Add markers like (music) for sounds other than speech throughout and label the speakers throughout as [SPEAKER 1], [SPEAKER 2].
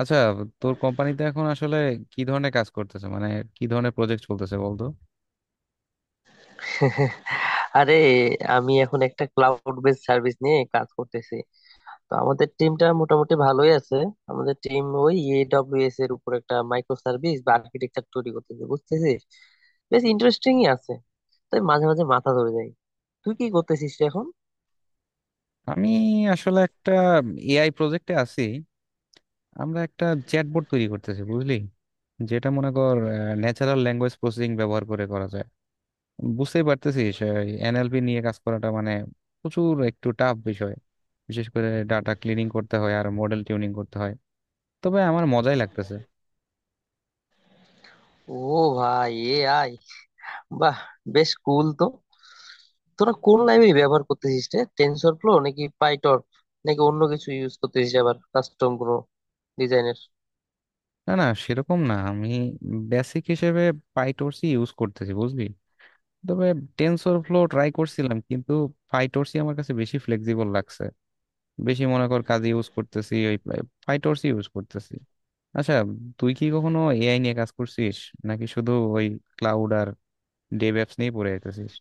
[SPEAKER 1] আচ্ছা, তোর কোম্পানিতে এখন আসলে কি ধরনের কাজ করতেছে মানে কি ধরনের প্রজেক্ট চলতেছে বলতো?
[SPEAKER 2] আরে, আমি এখন একটা ক্লাউড বেস সার্ভিস নিয়ে কাজ করতেছি। তো আমাদের টিমটা মোটামুটি ভালোই আছে। আমাদের টিম ওই এডব্লিউএস এর উপর একটা মাইক্রো সার্ভিস বা আর্কিটেকচার তৈরি করতেছে, বুঝতেছিস? বেশ ইন্টারেস্টিংই আছে, তাই মাঝে মাঝে মাথা ধরে যায়। তুই কি করতেছিস রে এখন?
[SPEAKER 1] আমি আসলে একটা এআই প্রজেক্টে আছি। আমরা একটা চ্যাটবট তৈরি করতেছি বুঝলি, যেটা মনে কর ন্যাচারাল ল্যাঙ্গুয়েজ প্রসেসিং ব্যবহার করে করা যায়। বুঝতেই পারতেছিস, এনএলপি নিয়ে কাজ করাটা মানে প্রচুর একটু টাফ বিষয়। বিশেষ করে ডাটা ক্লিনিং করতে হয় আর মডেল টিউনিং করতে হয়, তবে আমার মজাই লাগতেছে।
[SPEAKER 2] ও, ভাই এ আই, বাহ, বেশ কুল তো। তোরা কোন লাইব্রেরি ব্যবহার করতেছিস রে, টেনসর ফ্লো নাকি পাইটর্ন, নাকি অন্য কিছু ইউজ করতেছিস, আবার কাস্টম কোনো ডিজাইনের?
[SPEAKER 1] না না, সেরকম না, আমি বেসিক হিসেবে পাইটর্চই ইউজ করতেছি বুঝলি। তবে টেনসর ফ্লো ট্রাই করছিলাম কিন্তু ফাইটোরসি আমার কাছে বেশি ফ্লেক্সিবল লাগছে। বেশি মনে কর কাজে ইউজ করতেছি, ওই ফাইটোরসি ইউজ করতেছি। আচ্ছা, তুই কি কখনো এআই নিয়ে কাজ করছিস, নাকি শুধু ওই ক্লাউড আর ডেভ অ্যাপস নিয়ে পড়ে যেতেছিস?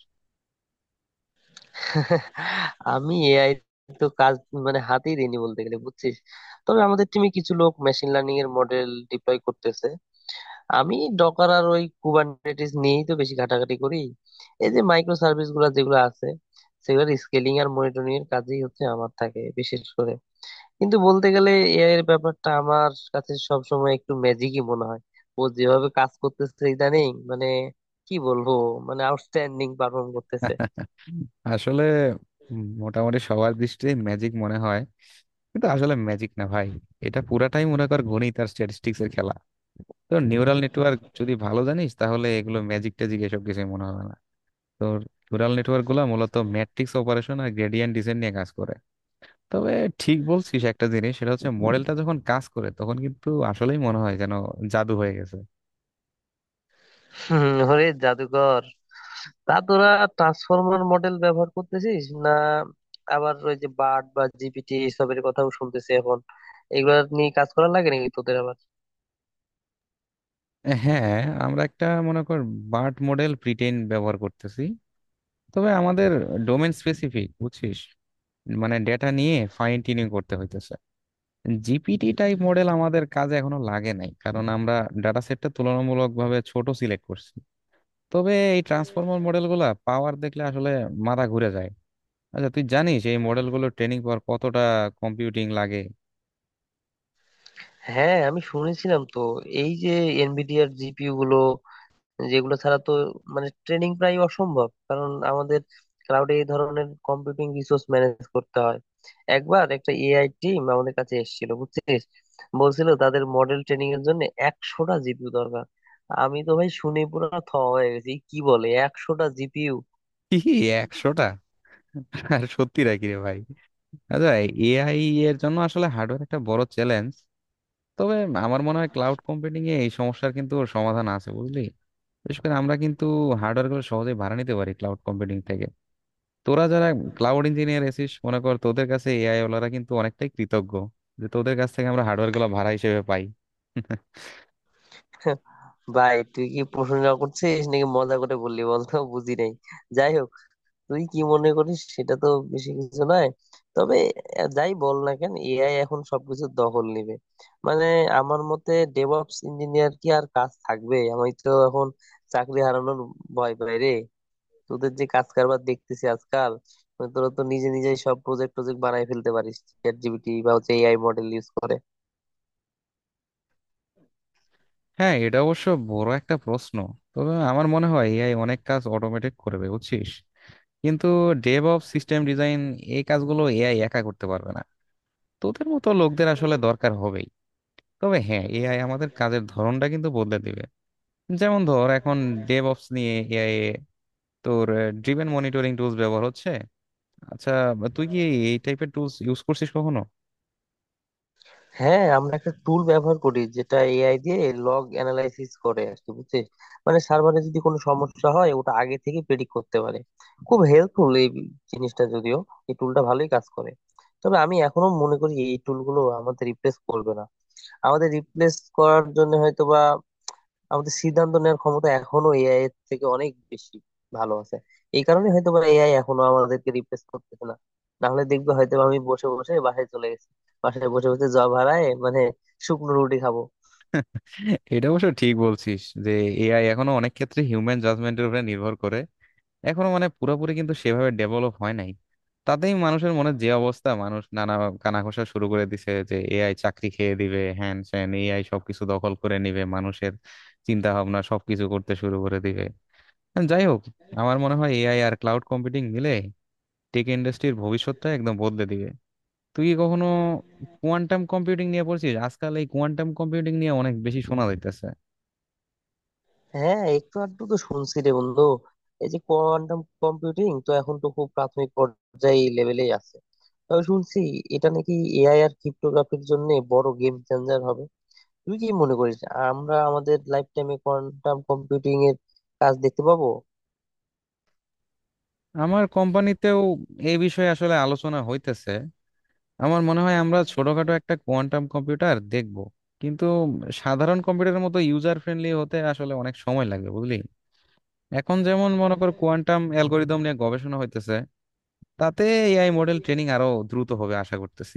[SPEAKER 2] আমি এআই তো কাজ মানে হাতেই দিইনি বলতে গেলে, বুঝছিস। তবে আমাদের টিমে কিছু লোক মেশিন লার্নিং এর মডেল ডিপ্লয় করতেছে। আমি ডকার আর ওই কুবারনেটিস নিয়েই তো বেশি ঘাটাঘাটি করি। এই যে মাইক্রো সার্ভিস গুলা যেগুলো আছে, সেগুলোর স্কেলিং আর মনিটরিং এর কাজই হচ্ছে আমার থাকে বিশেষ করে। কিন্তু বলতে গেলে এআই এর ব্যাপারটা আমার কাছে সবসময় একটু ম্যাজিকই মনে হয়। ও যেভাবে কাজ করতেছে ইদানিং, মানে কি বলবো, মানে আউটস্ট্যান্ডিং পারফর্ম করতেছে।
[SPEAKER 1] (laughs) আসলে মোটামুটি সবার দৃষ্টিতে ম্যাজিক মনে হয়, কিন্তু আসলে ম্যাজিক না ভাই। এটা পুরাটাই মনে কর গণিত আর স্ট্যাটিস্টিক্স এর খেলা। তো নিউরাল নেটওয়ার্ক যদি ভালো জানিস, তাহলে এগুলো ম্যাজিক ট্যাজিক এসব কিছু মনে হবে না। তো নিউরাল নেটওয়ার্ক গুলা মূলত ম্যাট্রিক্স অপারেশন আর গ্রেডিয়েন্ট ডিসেন্ট নিয়ে কাজ করে। তবে ঠিক বলছিস একটা জিনিস, সেটা হচ্ছে মডেলটা যখন কাজ করে তখন কিন্তু আসলেই মনে হয় যেন জাদু হয়ে গেছে।
[SPEAKER 2] হম, ওরে জাদুকর। তা তোরা ট্রান্সফর্মার মডেল ব্যবহার করতেছিস না? আবার ওই যে বার্ড বা জিপিটি এসবের কথাও শুনতেছি এখন, এগুলা নিয়ে কাজ করা লাগে নাকি তোদের আবার?
[SPEAKER 1] হ্যাঁ, আমরা একটা মনে কর বার্ট মডেল প্রিটেইন ব্যবহার করতেছি। তবে আমাদের ডোমেন স্পেসিফিক বুঝছিস, মানে ডেটা নিয়ে ফাইন টিউনিং করতে হইতেছে। জিপিটি টাইপ মডেল আমাদের কাজে এখনো লাগে নাই, কারণ আমরা ডাটা সেটটা তুলনামূলকভাবে ছোট সিলেক্ট করছি। তবে এই ট্রান্সফর্মার মডেলগুলা পাওয়ার দেখলে আসলে মাথা ঘুরে যায়। আচ্ছা, তুই জানিস এই মডেলগুলো ট্রেনিং পাওয়ার কতটা কম্পিউটিং লাগে?
[SPEAKER 2] হ্যাঁ, আমি শুনেছিলাম তো, এই যে এনভিডিআর জিপিইউ গুলো, যেগুলো ছাড়া তো মানে ট্রেনিং প্রায় অসম্ভব, কারণ আমাদের ক্লাউডে এই ধরনের কম্পিউটিং রিসোর্স ম্যানেজ করতে হয়। একবার একটা এআই টিম আমাদের কাছে এসেছিল, বুঝছিস, বলছিল তাদের মডেল ট্রেনিং এর জন্য 100টা জিপিইউ দরকার। আমি তো ভাই শুনে পুরো থ হয়ে গেছি, কি বলে, 100টা জিপিইউ!
[SPEAKER 1] কি, 100টা? আর সত্যি নাকি রে ভাই? আচ্ছা, এআই এর জন্য আসলে হার্ডওয়্যার একটা বড় চ্যালেঞ্জ। তবে আমার মনে হয় ক্লাউড কম্পিউটিং এ এই সমস্যার কিন্তু সমাধান আছে বুঝলি। বিশেষ করে আমরা কিন্তু হার্ডওয়্যার গুলো সহজেই ভাড়া নিতে পারি ক্লাউড কম্পিউটিং থেকে। তোরা যারা ক্লাউড ইঞ্জিনিয়ার এসিস মনে কর, তোদের কাছে এআই ওলারা কিন্তু অনেকটাই কৃতজ্ঞ, যে তোদের কাছ থেকে আমরা হার্ডওয়্যার গুলো ভাড়া হিসেবে পাই।
[SPEAKER 2] (laughs) ভাই তুই কি প্রশংসা করছিস নাকি মজা করে বললি বলতো, বুঝি নাই। যাই হোক, তুই কি মনে করিস সেটা তো বেশি কিছু নয়। তবে যাই বল না কেন, এআই এখন সবকিছু দখল নেবে। মানে আমার মতে ডেভঅপস ইঞ্জিনিয়ার কি আর কাজ থাকবে? আমি তো এখন চাকরি হারানোর ভয় পাই রে। তোদের যে কাজ কারবার দেখতেছি আজকাল, মানে তোরা তো নিজে নিজেই সব প্রজেক্ট প্রজেক্ট বানাই ফেলতে পারিস চ্যাট জিপিটি বা হচ্ছে এআই মডেল ইউজ করে।
[SPEAKER 1] হ্যাঁ, এটা অবশ্য বড় একটা প্রশ্ন। তবে আমার মনে হয় এআই অনেক কাজ অটোমেটেড করবে বুঝছিস, কিন্তু ডেভঅপস, সিস্টেম ডিজাইন, এই কাজগুলো এআই একা করতে পারবে না। তোদের মতো লোকদের আসলে দরকার হবেই। তবে হ্যাঁ, এআই আমাদের কাজের ধরনটা কিন্তু বদলে দিবে। যেমন ধর এখন ডেভঅপস নিয়ে এআই তোর ড্রিভেন মনিটরিং টুলস ব্যবহার হচ্ছে। আচ্ছা, তুই কি এই টাইপের টুলস ইউজ করছিস কখনো?
[SPEAKER 2] হ্যাঁ, আমরা একটা টুল ব্যবহার করি যেটা এআই দিয়ে লগ অ্যানালাইসিস করে আর কি, বুঝছিস। মানে সার্ভারে যদি কোনো সমস্যা হয় ওটা আগে থেকে প্রেডিক্ট করতে পারে। খুব হেল্পফুল এই জিনিসটা। যদিও এই টুলটা ভালোই কাজ করে, তবে আমি এখনো মনে করি এই টুলগুলো আমাদের রিপ্লেস করবে না। আমাদের রিপ্লেস করার জন্য হয়তো বা, আমাদের সিদ্ধান্ত নেওয়ার ক্ষমতা এখনো এআই এর থেকে অনেক বেশি ভালো আছে। এই কারণে হয়তো বা এআই এখনো আমাদেরকে রিপ্লেস করতেছে না। না হলে দেখবে হয়তো বা আমি বসে বসে বাসায় চলে গেছি, বাসায় বসে বসে জব হারায় মানে শুকনো রুটি খাবো।
[SPEAKER 1] (laughs) এটা অবশ্য ঠিক বলছিস, যে এআই এখনো অনেক ক্ষেত্রে হিউম্যান জাজমেন্টের উপরে নির্ভর করে। এখনো মানে পুরোপুরি কিন্তু সেভাবে ডেভেলপ হয় নাই। তাতেই মানুষের মনে যে অবস্থা, মানুষ নানা কানাঘোষা শুরু করে দিছে যে এআই চাকরি খেয়ে দিবে, হ্যান স্যান এআই সবকিছু দখল করে নিবে, মানুষের চিন্তা ভাবনা সবকিছু করতে শুরু করে দিবে। যাই হোক, আমার মনে হয় এআই আর ক্লাউড কম্পিউটিং মিলে টেক ইন্ডাস্ট্রির ভবিষ্যৎটা একদম বদলে দিবে। তুই কি কখনো কোয়ান্টাম কম্পিউটিং নিয়ে পড়ছিস? আজকাল এই কোয়ান্টাম কম্পিউটিং নিয়ে অনেক বেশি শোনা যাইতেছে।
[SPEAKER 2] হ্যাঁ, একটু আধটু তো শুনছি রে বন্ধু। এই যে কোয়ান্টাম কম্পিউটিং তো এখন তো খুব প্রাথমিক পর্যায়ে লেভেলেই আছে। তবে শুনছি এটা নাকি এআই আর ক্রিপ্টোগ্রাফির জন্য বড় গেম চেঞ্জার হবে। তুই কি মনে করিস আমরা আমাদের লাইফ টাইমে কোয়ান্টাম কম্পিউটিং এর কাজ দেখতে পাবো?
[SPEAKER 1] আমার কোম্পানিতেও এই বিষয়ে আসলে আলোচনা হইতেছে। আমার মনে হয় আমরা ছোটখাটো একটা কোয়ান্টাম কম্পিউটার দেখব, কিন্তু সাধারণ কম্পিউটারের মতো ইউজার ফ্রেন্ডলি হতে আসলে অনেক সময় লাগবে বুঝলি। এখন যেমন মনে কর কোয়ান্টাম অ্যালগোরিদম নিয়ে গবেষণা হইতেছে, তাতে এআই মডেল ট্রেনিং আরো দ্রুত হবে আশা করতেছি।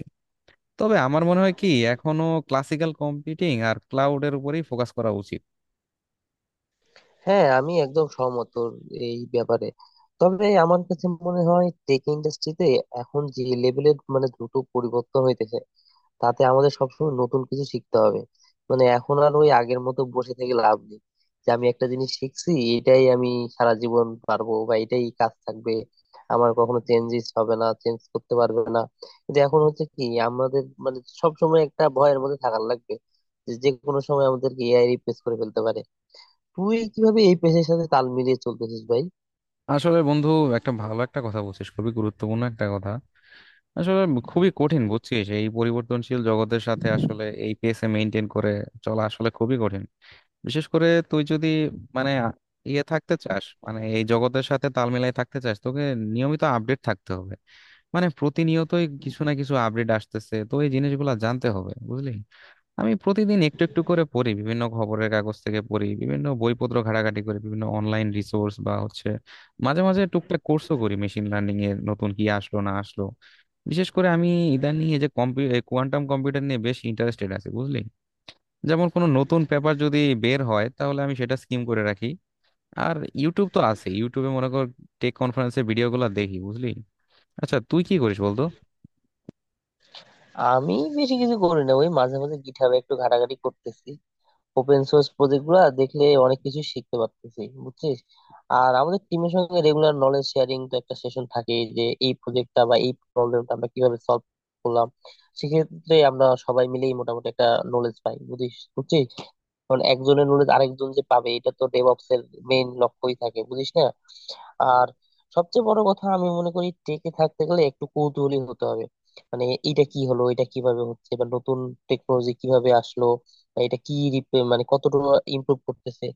[SPEAKER 1] তবে আমার মনে হয় কি, এখনো ক্লাসিক্যাল কম্পিউটিং আর ক্লাউডের উপরেই ফোকাস করা উচিত।
[SPEAKER 2] হ্যাঁ, আমি একদম সহমত তোর এই ব্যাপারে। তবে আমার কাছে মনে হয় টেক ইন্ডাস্ট্রিতে এখন যে লেভেলের মানে দ্রুত পরিবর্তন হইতেছে, তাতে আমাদের সবসময় নতুন কিছু শিখতে হবে। মানে এখন আর ওই আগের মতো বসে থেকে লাভ নেই যে আমি একটা জিনিস শিখছি, এটাই আমি সারা জীবন পারবো বা এটাই কাজ থাকবে, আমার কখনো চেঞ্জেস হবে না, চেঞ্জ করতে পারবে না। কিন্তু এখন হচ্ছে কি, আমাদের মানে সবসময় একটা ভয়ের মধ্যে থাকার লাগবে যে যে কোনো সময় আমাদেরকে এআই রিপ্লেস করে ফেলতে পারে। তুই কিভাবে এই পেশার সাথে তাল মিলিয়ে চলতেছিস ভাই?
[SPEAKER 1] আসলে বন্ধু, একটা ভালো একটা কথা বলছিস, খুবই গুরুত্বপূর্ণ একটা কথা। আসলে খুবই কঠিন বুঝছিস, এই পরিবর্তনশীল জগতের সাথে আসলে এই পেসে মেনটেন করে চলা আসলে খুবই কঠিন। বিশেষ করে তুই যদি মানে ইয়ে থাকতে চাস, মানে এই জগতের সাথে তাল মিলাই থাকতে চাস, তোকে নিয়মিত আপডেট থাকতে হবে। মানে প্রতিনিয়তই কিছু না কিছু আপডেট আসতেছে, তো এই জিনিসগুলো জানতে হবে বুঝলি। আমি প্রতিদিন একটু একটু করে পড়ি, বিভিন্ন খবরের কাগজ থেকে পড়ি, বিভিন্ন বইপত্র ঘাটাঘাটি করি, বিভিন্ন অনলাইন রিসোর্স বা হচ্ছে মাঝে মাঝে টুকটাক কোর্সও করি, মেশিন লার্নিং এর নতুন কি আসলো না আসলো। বিশেষ করে আমি ইদানিং এই যে কোয়ান্টাম কম্পিউটার নিয়ে বেশ ইন্টারেস্টেড আছি বুঝলি। যেমন কোনো নতুন পেপার যদি বের হয়, তাহলে আমি সেটা স্কিম করে রাখি। আর ইউটিউব তো আছে, ইউটিউবে মনে কর টেক কনফারেন্সের ভিডিওগুলো দেখি বুঝলি। আচ্ছা, তুই কি করিস বলতো?
[SPEAKER 2] আমি বেশি কিছু করি না, ওই মাঝে মাঝে গিটহাবে একটু ঘাটাঘাটি করতেছি। ওপেন সোর্স প্রজেক্ট গুলা দেখলে অনেক কিছু শিখতে পারতেছি, বুঝছিস। আর আমাদের টিমের সঙ্গে রেগুলার নলেজ শেয়ারিং তো একটা সেশন থাকে, যে এই প্রজেক্টটা বা এই প্রবলেমটা আমরা কিভাবে সলভ করলাম। সেক্ষেত্রে আমরা সবাই মিলেই মোটামুটি একটা নলেজ পাই, বুঝিস বুঝছিস। কারণ একজনের নলেজ আরেকজন যে পাবে এটা তো ডেভঅপস এর মেইন লক্ষ্যই থাকে, বুঝিস না। আর সবচেয়ে বড় কথা, আমি মনে করি টেকে থাকতে গেলে একটু কৌতূহলী হতে হবে। মানে এটা কি হলো, এটা কিভাবে হচ্ছে, বা নতুন টেকনোলজি কিভাবে আসলো, বা এটা কি মানে কতটুকু ইমপ্রুভ করতেছে।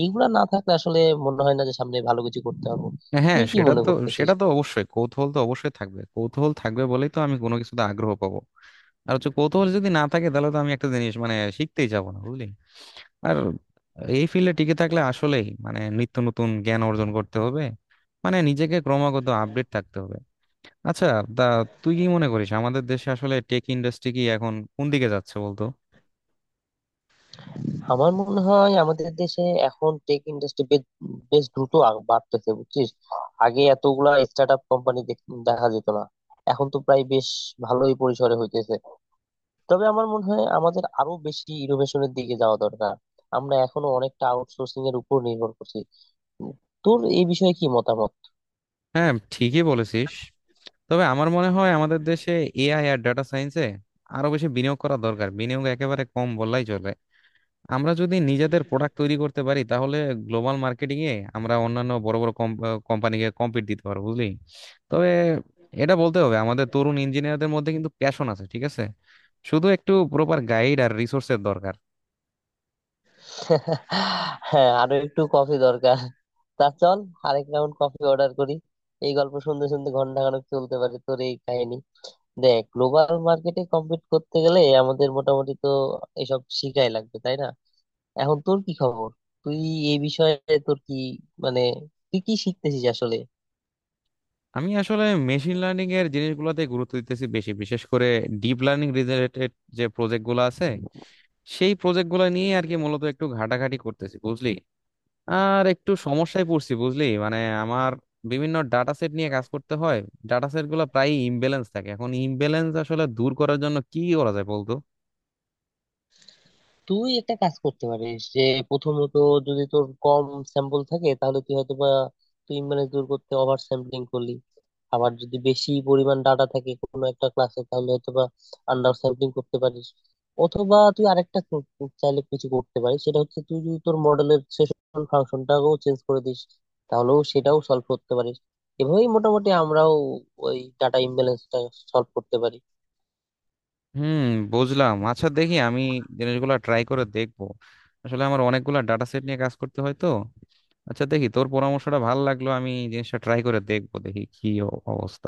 [SPEAKER 2] এইগুলা না থাকলে আসলে মনে হয় না যে সামনে ভালো কিছু করতে পারবো।
[SPEAKER 1] হ্যাঁ
[SPEAKER 2] তুই কি
[SPEAKER 1] সেটা
[SPEAKER 2] মনে
[SPEAKER 1] তো,
[SPEAKER 2] করতেছিস?
[SPEAKER 1] সেটা তো অবশ্যই, কৌতূহল তো অবশ্যই থাকবে, কৌতূহল থাকবে বলেই তো আমি কোনো কিছুতে আগ্রহ পাবো। আর হচ্ছে কৌতূহল যদি না থাকে, তাহলে তো আমি একটা জিনিস মানে শিখতেই যাবো না বুঝলি। আর এই ফিল্ডে টিকে থাকলে আসলেই মানে নিত্য নতুন জ্ঞান অর্জন করতে হবে, মানে নিজেকে ক্রমাগত আপডেট থাকতে হবে। আচ্ছা, তা তুই কি মনে করিস আমাদের দেশে আসলে টেক ইন্ডাস্ট্রি কি এখন কোন দিকে যাচ্ছে বলতো?
[SPEAKER 2] আমার মনে হয় আমাদের দেশে এখন টেক ইন্ডাস্ট্রি বেশ বেশ দ্রুত বাড়তেছে, বুঝছিস। আগে এতগুলা স্টার্ট আপ কোম্পানি দেখা যেত না, এখন তো প্রায় বেশ ভালোই পরিসরে হইতেছে। তবে আমার মনে হয় আমাদের আরো বেশি ইনোভেশনের দিকে যাওয়া দরকার। আমরা এখনো অনেকটা আউটসোর্সিং এর উপর নির্ভর করছি। তোর এই বিষয়ে কি মতামত?
[SPEAKER 1] হ্যাঁ, ঠিকই বলেছিস। তবে আমার মনে হয় আমাদের দেশে এআই আর ডেটা সায়েন্সে আরো বেশি বিনিয়োগ করা দরকার, বিনিয়োগ একেবারে কম বললেই চলে। আমরা যদি নিজেদের প্রোডাক্ট তৈরি করতে পারি, তাহলে গ্লোবাল মার্কেটিং এ আমরা অন্যান্য বড় বড় কোম্পানিকে কম্পিট দিতে পারবো বুঝলি। তবে এটা বলতে হবে, আমাদের তরুণ ইঞ্জিনিয়ারদের মধ্যে কিন্তু প্যাশন আছে, ঠিক আছে। শুধু একটু প্রপার গাইড আর রিসোর্সের দরকার।
[SPEAKER 2] (laughs) হ্যাঁ, আরো একটু কফি দরকার। তা চল, আরেক রাউন্ড কফি অর্ডার করি। এই গল্প শুনতে শুনতে ঘন্টা খানেক চলতে পারে তোর এই কাহিনী। দেখ, গ্লোবাল মার্কেটে কম্পিট করতে গেলে আমাদের মোটামুটি তো এসব শিখাই লাগবে, তাই না? এখন তোর কি খবর? তুই এই বিষয়ে, তোর কি মানে, তুই কি শিখতেছিস আসলে?
[SPEAKER 1] আমি আসলে মেশিন লার্নিং এর জিনিসগুলোতে গুরুত্ব দিতেছি বেশি, বিশেষ করে ডিপ লার্নিং রিলেটেড যে প্রজেক্ট গুলো আছে, সেই প্রজেক্ট গুলো নিয়ে আর কি মূলত একটু ঘাটাঘাটি করতেছি বুঝলি। আর একটু সমস্যায় পড়ছি বুঝলি, মানে আমার বিভিন্ন ডাটা সেট নিয়ে কাজ করতে হয়। ডাটা সেট গুলো প্রায় ইমব্যালেন্স থাকে, এখন ইমব্যালেন্স আসলে দূর করার জন্য কি করা যায় বলতো?
[SPEAKER 2] তুই একটা কাজ করতে পারিস যে, প্রথমত যদি তোর কম স্যাম্পল থাকে, তাহলে তুই হয়তো বা, তুই মানে দূর করতে ওভার স্যাম্পলিং করলি। আবার যদি বেশি পরিমাণ ডাটা থাকে কোনো একটা ক্লাসে, তাহলে হয়তো বা আন্ডার স্যাম্পলিং করতে পারিস। অথবা তুই চাইলে কিছু করতে পারিস, সেটা হচ্ছে তুই যদি তোর মডেলের সেশন ফাংশনটাকেও চেঞ্জ করে দিস, তাহলেও সেটাও সলভ করতে পারিস। এভাবেই মোটামুটি আমরাও ওই ডাটা ইমব্যালেন্সটা সলভ করতে পারি।
[SPEAKER 1] হুম, বুঝলাম। আচ্ছা দেখি, আমি জিনিসগুলো ট্রাই করে দেখবো। আসলে আমার অনেকগুলো ডাটা সেট নিয়ে কাজ করতে হয় তো। আচ্ছা দেখি, তোর পরামর্শটা ভালো লাগলো, আমি জিনিসটা ট্রাই করে দেখবো, দেখি কি অবস্থা।